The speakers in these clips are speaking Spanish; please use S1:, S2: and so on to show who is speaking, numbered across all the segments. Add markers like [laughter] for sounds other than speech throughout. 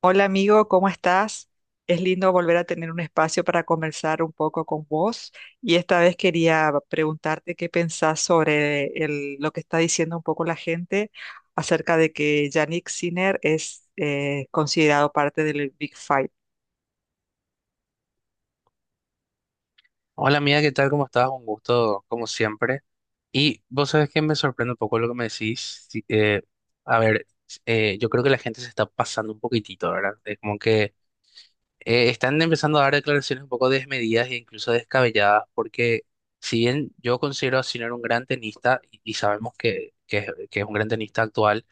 S1: Hola amigo, ¿cómo estás? Es lindo volver a tener un espacio para conversar un poco con vos y esta vez quería preguntarte qué pensás sobre lo que está diciendo un poco la gente acerca de que Yannick Sinner es considerado parte del Big Five.
S2: Hola amiga, ¿qué tal? ¿Cómo estás? Un gusto, como siempre. Y vos sabés que me sorprende un poco lo que me decís. Sí, a ver, yo creo que la gente se está pasando un poquitito, ¿verdad? Es como que están empezando a dar declaraciones un poco desmedidas e incluso descabelladas, porque si bien yo considero a Sinner un gran tenista, y sabemos que es que es un gran tenista actual,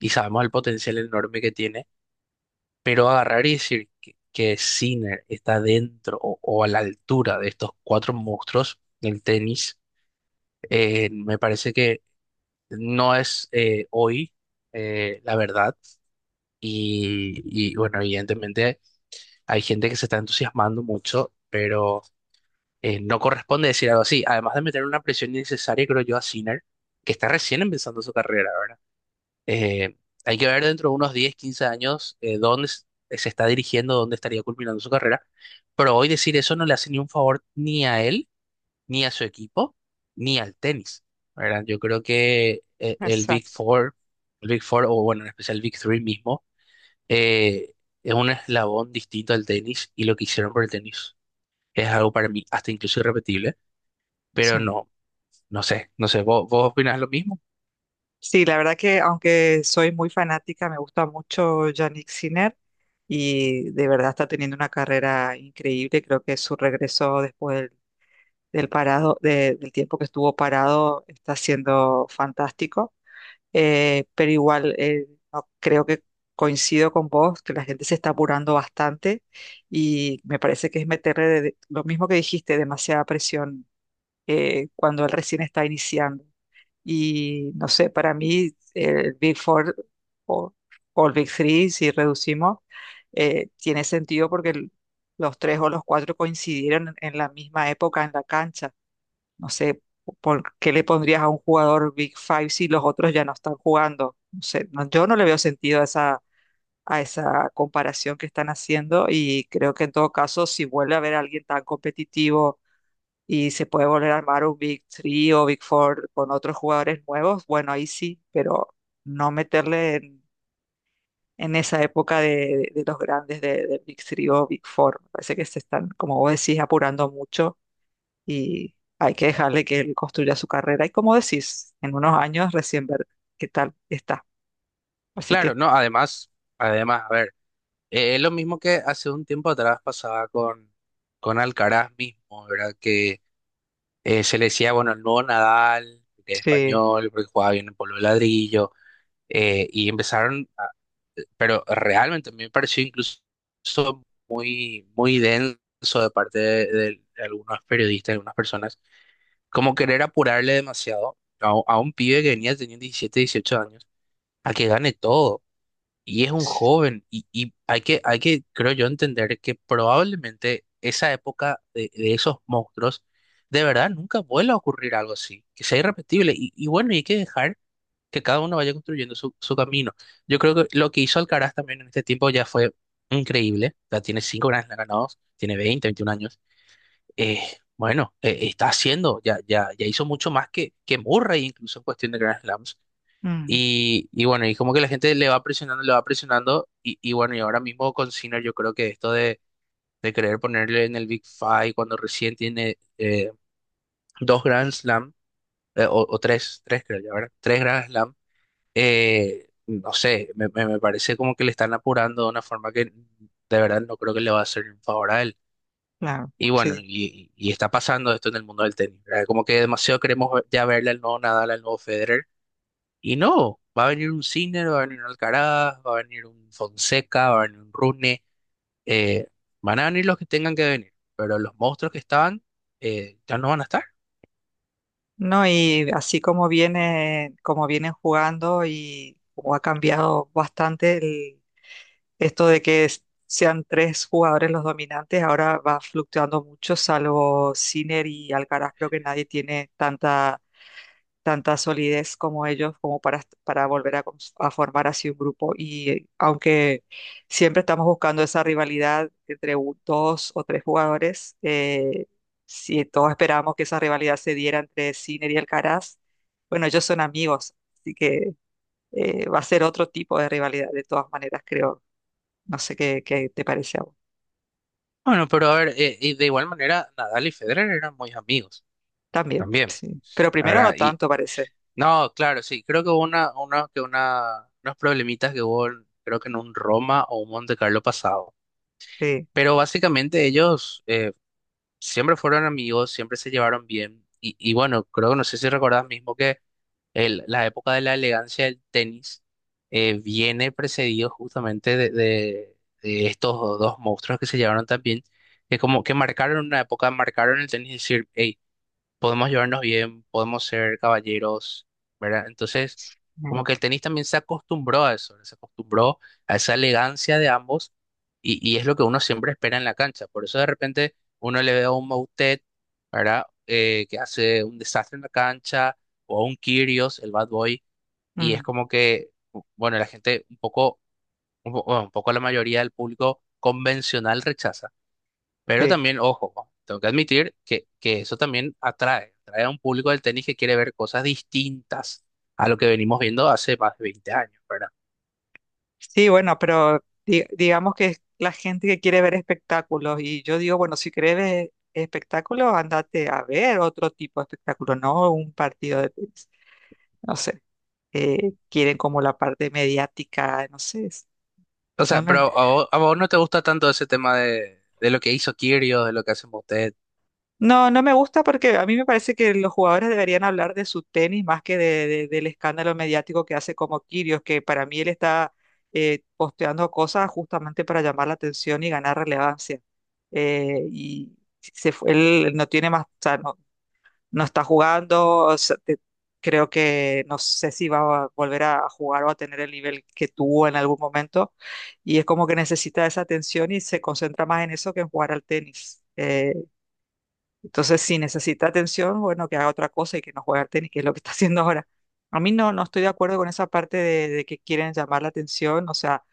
S2: y sabemos el potencial enorme que tiene, pero agarrar y decir que Sinner está dentro o a la altura de estos cuatro monstruos del tenis. Me parece que no es hoy la verdad y, bueno, evidentemente hay gente que se está entusiasmando mucho, pero no corresponde decir algo así, además de meter una presión innecesaria, creo yo, a Sinner, que está recién empezando su carrera, ¿verdad? Eh, Hay que ver dentro de unos 10 15 años, dónde se está dirigiendo, dónde estaría culminando su carrera, pero hoy decir eso no le hace ni un favor ni a él, ni a su equipo, ni al tenis, ¿verdad? Yo creo que el Big
S1: Exacto,
S2: Four, el Big Four, o bueno, en especial el Big Three mismo, eh, es un eslabón distinto al tenis, y lo que hicieron por el tenis es algo para mí hasta incluso irrepetible, pero
S1: sí.
S2: no, no sé, ¿vos opinás lo mismo?
S1: Sí, la verdad que aunque soy muy fanática, me gusta mucho Yannick Sinner y de verdad está teniendo una carrera increíble. Creo que su regreso después del parado, del tiempo que estuvo parado, está siendo fantástico. Pero igual creo que coincido con vos, que la gente se está apurando bastante y me parece que es meterle lo mismo que dijiste, demasiada presión cuando él recién está iniciando. Y no sé, para mí el Big Four o, o el Big Three, si reducimos, tiene sentido porque los tres o los cuatro coincidieron en la misma época en la cancha. No sé, ¿por qué le pondrías a un jugador Big Five si los otros ya no están jugando? No sé, yo no le veo sentido a esa comparación que están haciendo y creo que en todo caso, si vuelve a haber alguien tan competitivo y se puede volver a armar un Big Three o Big Four con otros jugadores nuevos, bueno, ahí sí, pero no meterle en esa época de, de los grandes de, del Big Three o Big Four. Me parece que se están, como vos decís, apurando mucho y hay que dejarle que él construya su carrera. Y como decís, en unos años recién ver qué tal está. Así
S2: Claro,
S1: que
S2: no, además, a ver, es lo mismo que hace un tiempo atrás pasaba con Alcaraz mismo, ¿verdad? Que se le decía, bueno, el nuevo Nadal, porque es
S1: sí.
S2: español, porque jugaba bien en polvo de ladrillo, eh, y empezaron, a- pero realmente me pareció incluso muy, muy denso de parte de algunos periodistas, algunas personas, como querer apurarle demasiado a un pibe que venía teniendo 17-18 años, a que gane todo. Y es un joven, y hay que, creo yo, entender que probablemente esa época de esos monstruos, de verdad, nunca vuelva a ocurrir algo así, que sea irrepetible. Y bueno, y hay que dejar que cada uno vaya construyendo su camino. Yo creo que lo que hizo Alcaraz también en este tiempo ya fue increíble. Ya tiene cinco Grand Slam ganados, tiene 20-21 años. Eh, bueno, está haciendo, ya, ya, ya hizo mucho más que Murray incluso en cuestión de Grand Slams.
S1: Mm.
S2: Y bueno, y como que la gente le va presionando, le va presionando. Y bueno, y ahora mismo con Sinner yo creo que esto de querer ponerle en el Big Five cuando recién tiene dos Grand Slam, o tres creo ya, ¿verdad? Tres Grand Slam, no sé, me parece como que le están apurando de una forma que de verdad no creo que le va a hacer un favor a él.
S1: Claro,
S2: Y bueno,
S1: sí.
S2: y está pasando esto en el mundo del tenis, ¿verdad? Como que demasiado queremos ya verle al nuevo Nadal, al nuevo Federer. Y no, va a venir un Sinner, va a venir un Alcaraz, va a venir un Fonseca, va a venir un Rune, eh, van a venir los que tengan que venir, pero los monstruos que estaban ya no van a estar.
S1: No, y así como viene, como vienen jugando y como ha cambiado bastante esto de que sean tres jugadores los dominantes, ahora va fluctuando mucho, salvo Sinner y Alcaraz, creo que nadie tiene tanta solidez como ellos como para volver a, a formar así un grupo. Y aunque siempre estamos buscando esa rivalidad entre dos o tres jugadores, si todos esperamos que esa rivalidad se diera entre Sinner y Alcaraz, bueno, ellos son amigos, así que va a ser otro tipo de rivalidad de todas maneras, creo. No sé qué, qué te parece a vos.
S2: Bueno, pero a ver, y de igual manera, Nadal y Federer eran muy amigos
S1: También,
S2: también.
S1: sí. Pero primero no
S2: ¿Verdad?
S1: tanto, parece.
S2: No, claro, sí. Creo que hubo unos problemitas que hubo, creo que en un Roma o un Monte Carlo pasado.
S1: Sí.
S2: Pero básicamente ellos siempre fueron amigos, siempre se llevaron bien. Y bueno, creo que no sé si recordás mismo que la época de la elegancia del tenis viene precedido justamente de estos dos monstruos que se llevaron tan bien, que como que marcaron una época, marcaron el tenis, y decir: hey, podemos llevarnos bien, podemos ser caballeros, ¿verdad? Entonces,
S1: Mm.
S2: como que el tenis también se acostumbró a eso, se acostumbró a esa elegancia de ambos, y es lo que uno siempre espera en la cancha. Por eso de repente uno le ve a un Moutet, ¿verdad? Que hace un desastre en la cancha, o a un Kyrgios, el bad boy. Y es
S1: Mm,
S2: como que, bueno, la gente un poco, un po- bueno, un poco la mayoría del público convencional rechaza. Pero
S1: sí.
S2: también, ojo, tengo que admitir que eso también atrae, atrae a un público del tenis que quiere ver cosas distintas a lo que venimos viendo hace más de 20 años, ¿verdad?
S1: Sí, bueno, pero digamos que es la gente que quiere ver espectáculos y yo digo, bueno, si querés ver espectáculos, andate a ver otro tipo de espectáculo, no un partido de tenis. No sé, quieren como la parte mediática, no sé,
S2: O
S1: no,
S2: sea,
S1: no.
S2: pero a vos no te gusta tanto ese tema de lo que hizo Kyrgios, de lo que hacen ustedes.
S1: No, no me gusta porque a mí me parece que los jugadores deberían hablar de su tenis más que del escándalo mediático que hace como Kirios, que para mí él está posteando cosas justamente para llamar la atención y ganar relevancia. Y él no tiene más, o sea, no, no está jugando, o sea, creo que no sé si va a volver a jugar o a tener el nivel que tuvo en algún momento, y es como que necesita esa atención y se concentra más en eso que en jugar al tenis. Entonces, si necesita atención, bueno, que haga otra cosa y que no juegue al tenis, que es lo que está [laughs] haciendo ahora. A mí no, no estoy de acuerdo con esa parte de que quieren llamar la atención, o sea,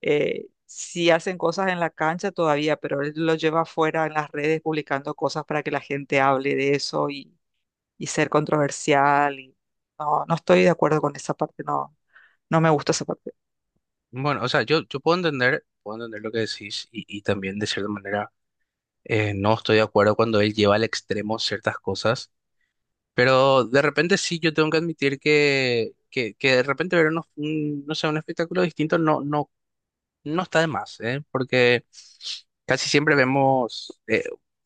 S1: si hacen cosas en la cancha todavía, pero él lo lleva afuera en las redes publicando cosas para que la gente hable de eso y ser controversial. Y, no, no estoy de acuerdo con esa parte, no, no me gusta esa parte.
S2: Bueno, o sea, yo puedo entender lo que decís, y también de cierta manera no estoy de acuerdo cuando él lleva al extremo ciertas cosas, pero de repente sí, yo tengo que admitir que de repente ver no sé, un espectáculo distinto, no está de más, ¿eh? Porque casi siempre vemos,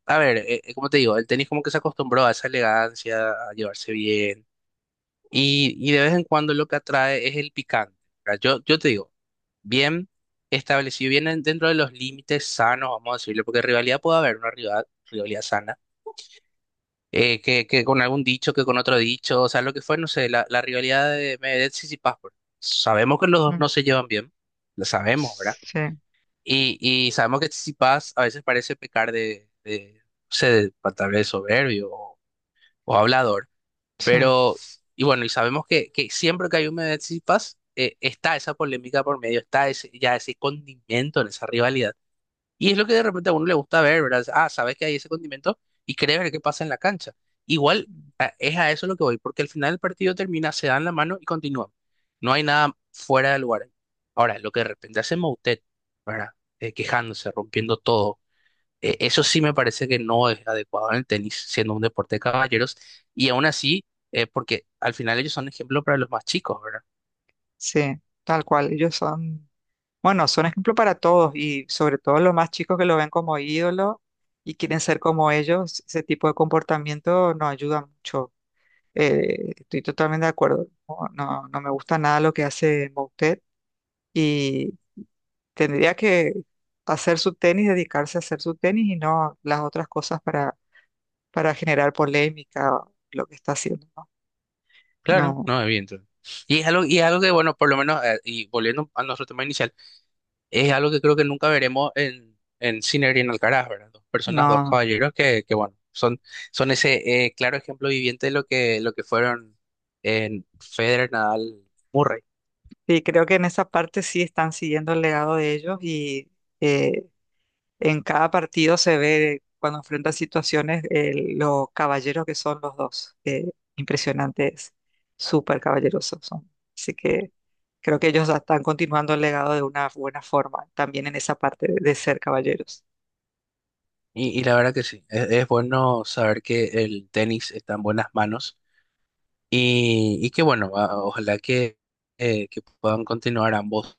S2: a ver, como te digo, el tenis como que se acostumbró a esa elegancia, a llevarse bien, y de vez en cuando lo que atrae es el picante, ¿verdad? Yo te digo: bien establecido, bien dentro de los límites sanos, vamos a decirlo, porque rivalidad puede haber, una rivalidad sana, que con algún dicho, que con otro dicho, o sea, lo que fue, no sé, la rivalidad de Medvedev y Tsitsipas. Sabemos que los dos no
S1: Mm.
S2: se llevan bien, lo sabemos, ¿verdad?
S1: Sí,
S2: Y sabemos que Tsitsipas a veces parece pecar de, no sé, tal vez soberbio o hablador,
S1: sí,
S2: pero, y bueno, y sabemos que siempre que hay un meme de Tsitsipas, está esa polémica por medio, está ese, ya ese condimento en esa rivalidad. Y es lo que de repente a uno le gusta ver, ¿verdad? Ah, sabes que hay ese condimento y querés ver qué pasa en la cancha. Igual, es a eso lo que voy, porque al final el partido termina, se dan la mano y continúan. No hay nada fuera de lugar. Ahora, lo que de repente hace Moutet, ¿verdad? Quejándose, rompiendo todo, eso sí me parece que no es adecuado en el tenis, siendo un deporte de caballeros. Y aún así, porque al final ellos son ejemplo para los más chicos, ¿verdad?
S1: sí, tal cual, ellos son... Bueno, son ejemplo para todos y sobre todo los más chicos que lo ven como ídolo y quieren ser como ellos, ese tipo de comportamiento nos ayuda mucho. Estoy totalmente de acuerdo. No, no, no me gusta nada lo que hace Moutet y tendría que hacer su tenis, dedicarse a hacer su tenis y no las otras cosas para generar polémica o lo que está haciendo, ¿no?
S2: Claro,
S1: No,
S2: no, evidente. Y es algo que, bueno, por lo menos, y volviendo a nuestro tema inicial: es algo que creo que nunca veremos en Sinner y en Alcaraz, ¿verdad? Dos personas, dos
S1: no.
S2: caballeros que bueno, son ese claro ejemplo viviente de lo que fueron en Federer, Nadal, Murray.
S1: Y creo que en esa parte sí están siguiendo el legado de ellos y eh, en cada partido se ve cuando enfrentan situaciones los caballeros que son los dos. Impresionantes, súper caballerosos son. Así que creo que ellos están continuando el legado de una buena forma, también en esa parte de ser caballeros.
S2: Y la verdad que sí, es bueno saber que el tenis está en buenas manos, y que bueno, ojalá que puedan continuar ambos,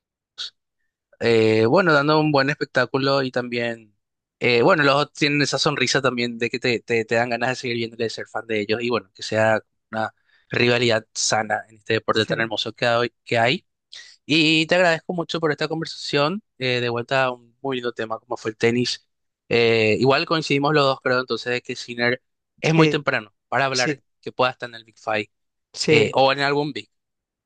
S2: bueno, dando un buen espectáculo, y también, bueno, los dos tienen esa sonrisa también, de que te dan ganas de seguir viéndole, de ser fan de ellos. Y bueno, que sea una rivalidad sana en este deporte tan
S1: Sí,
S2: hermoso que hay. Y te agradezco mucho por esta conversación, de vuelta a un muy lindo tema como fue el tenis. Igual coincidimos los dos, creo, entonces, de que Sinner es muy
S1: sí,
S2: temprano para hablar
S1: sí,
S2: que pueda estar en el Big Five,
S1: sí,
S2: o en algún Big,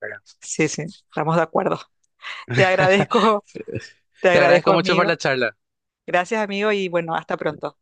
S2: ¿verdad?
S1: sí, sí, estamos de acuerdo. [laughs] Te
S2: [laughs]
S1: agradezco, te
S2: Te
S1: agradezco,
S2: agradezco mucho por
S1: amigo.
S2: la charla.
S1: Gracias, amigo, y bueno, hasta pronto.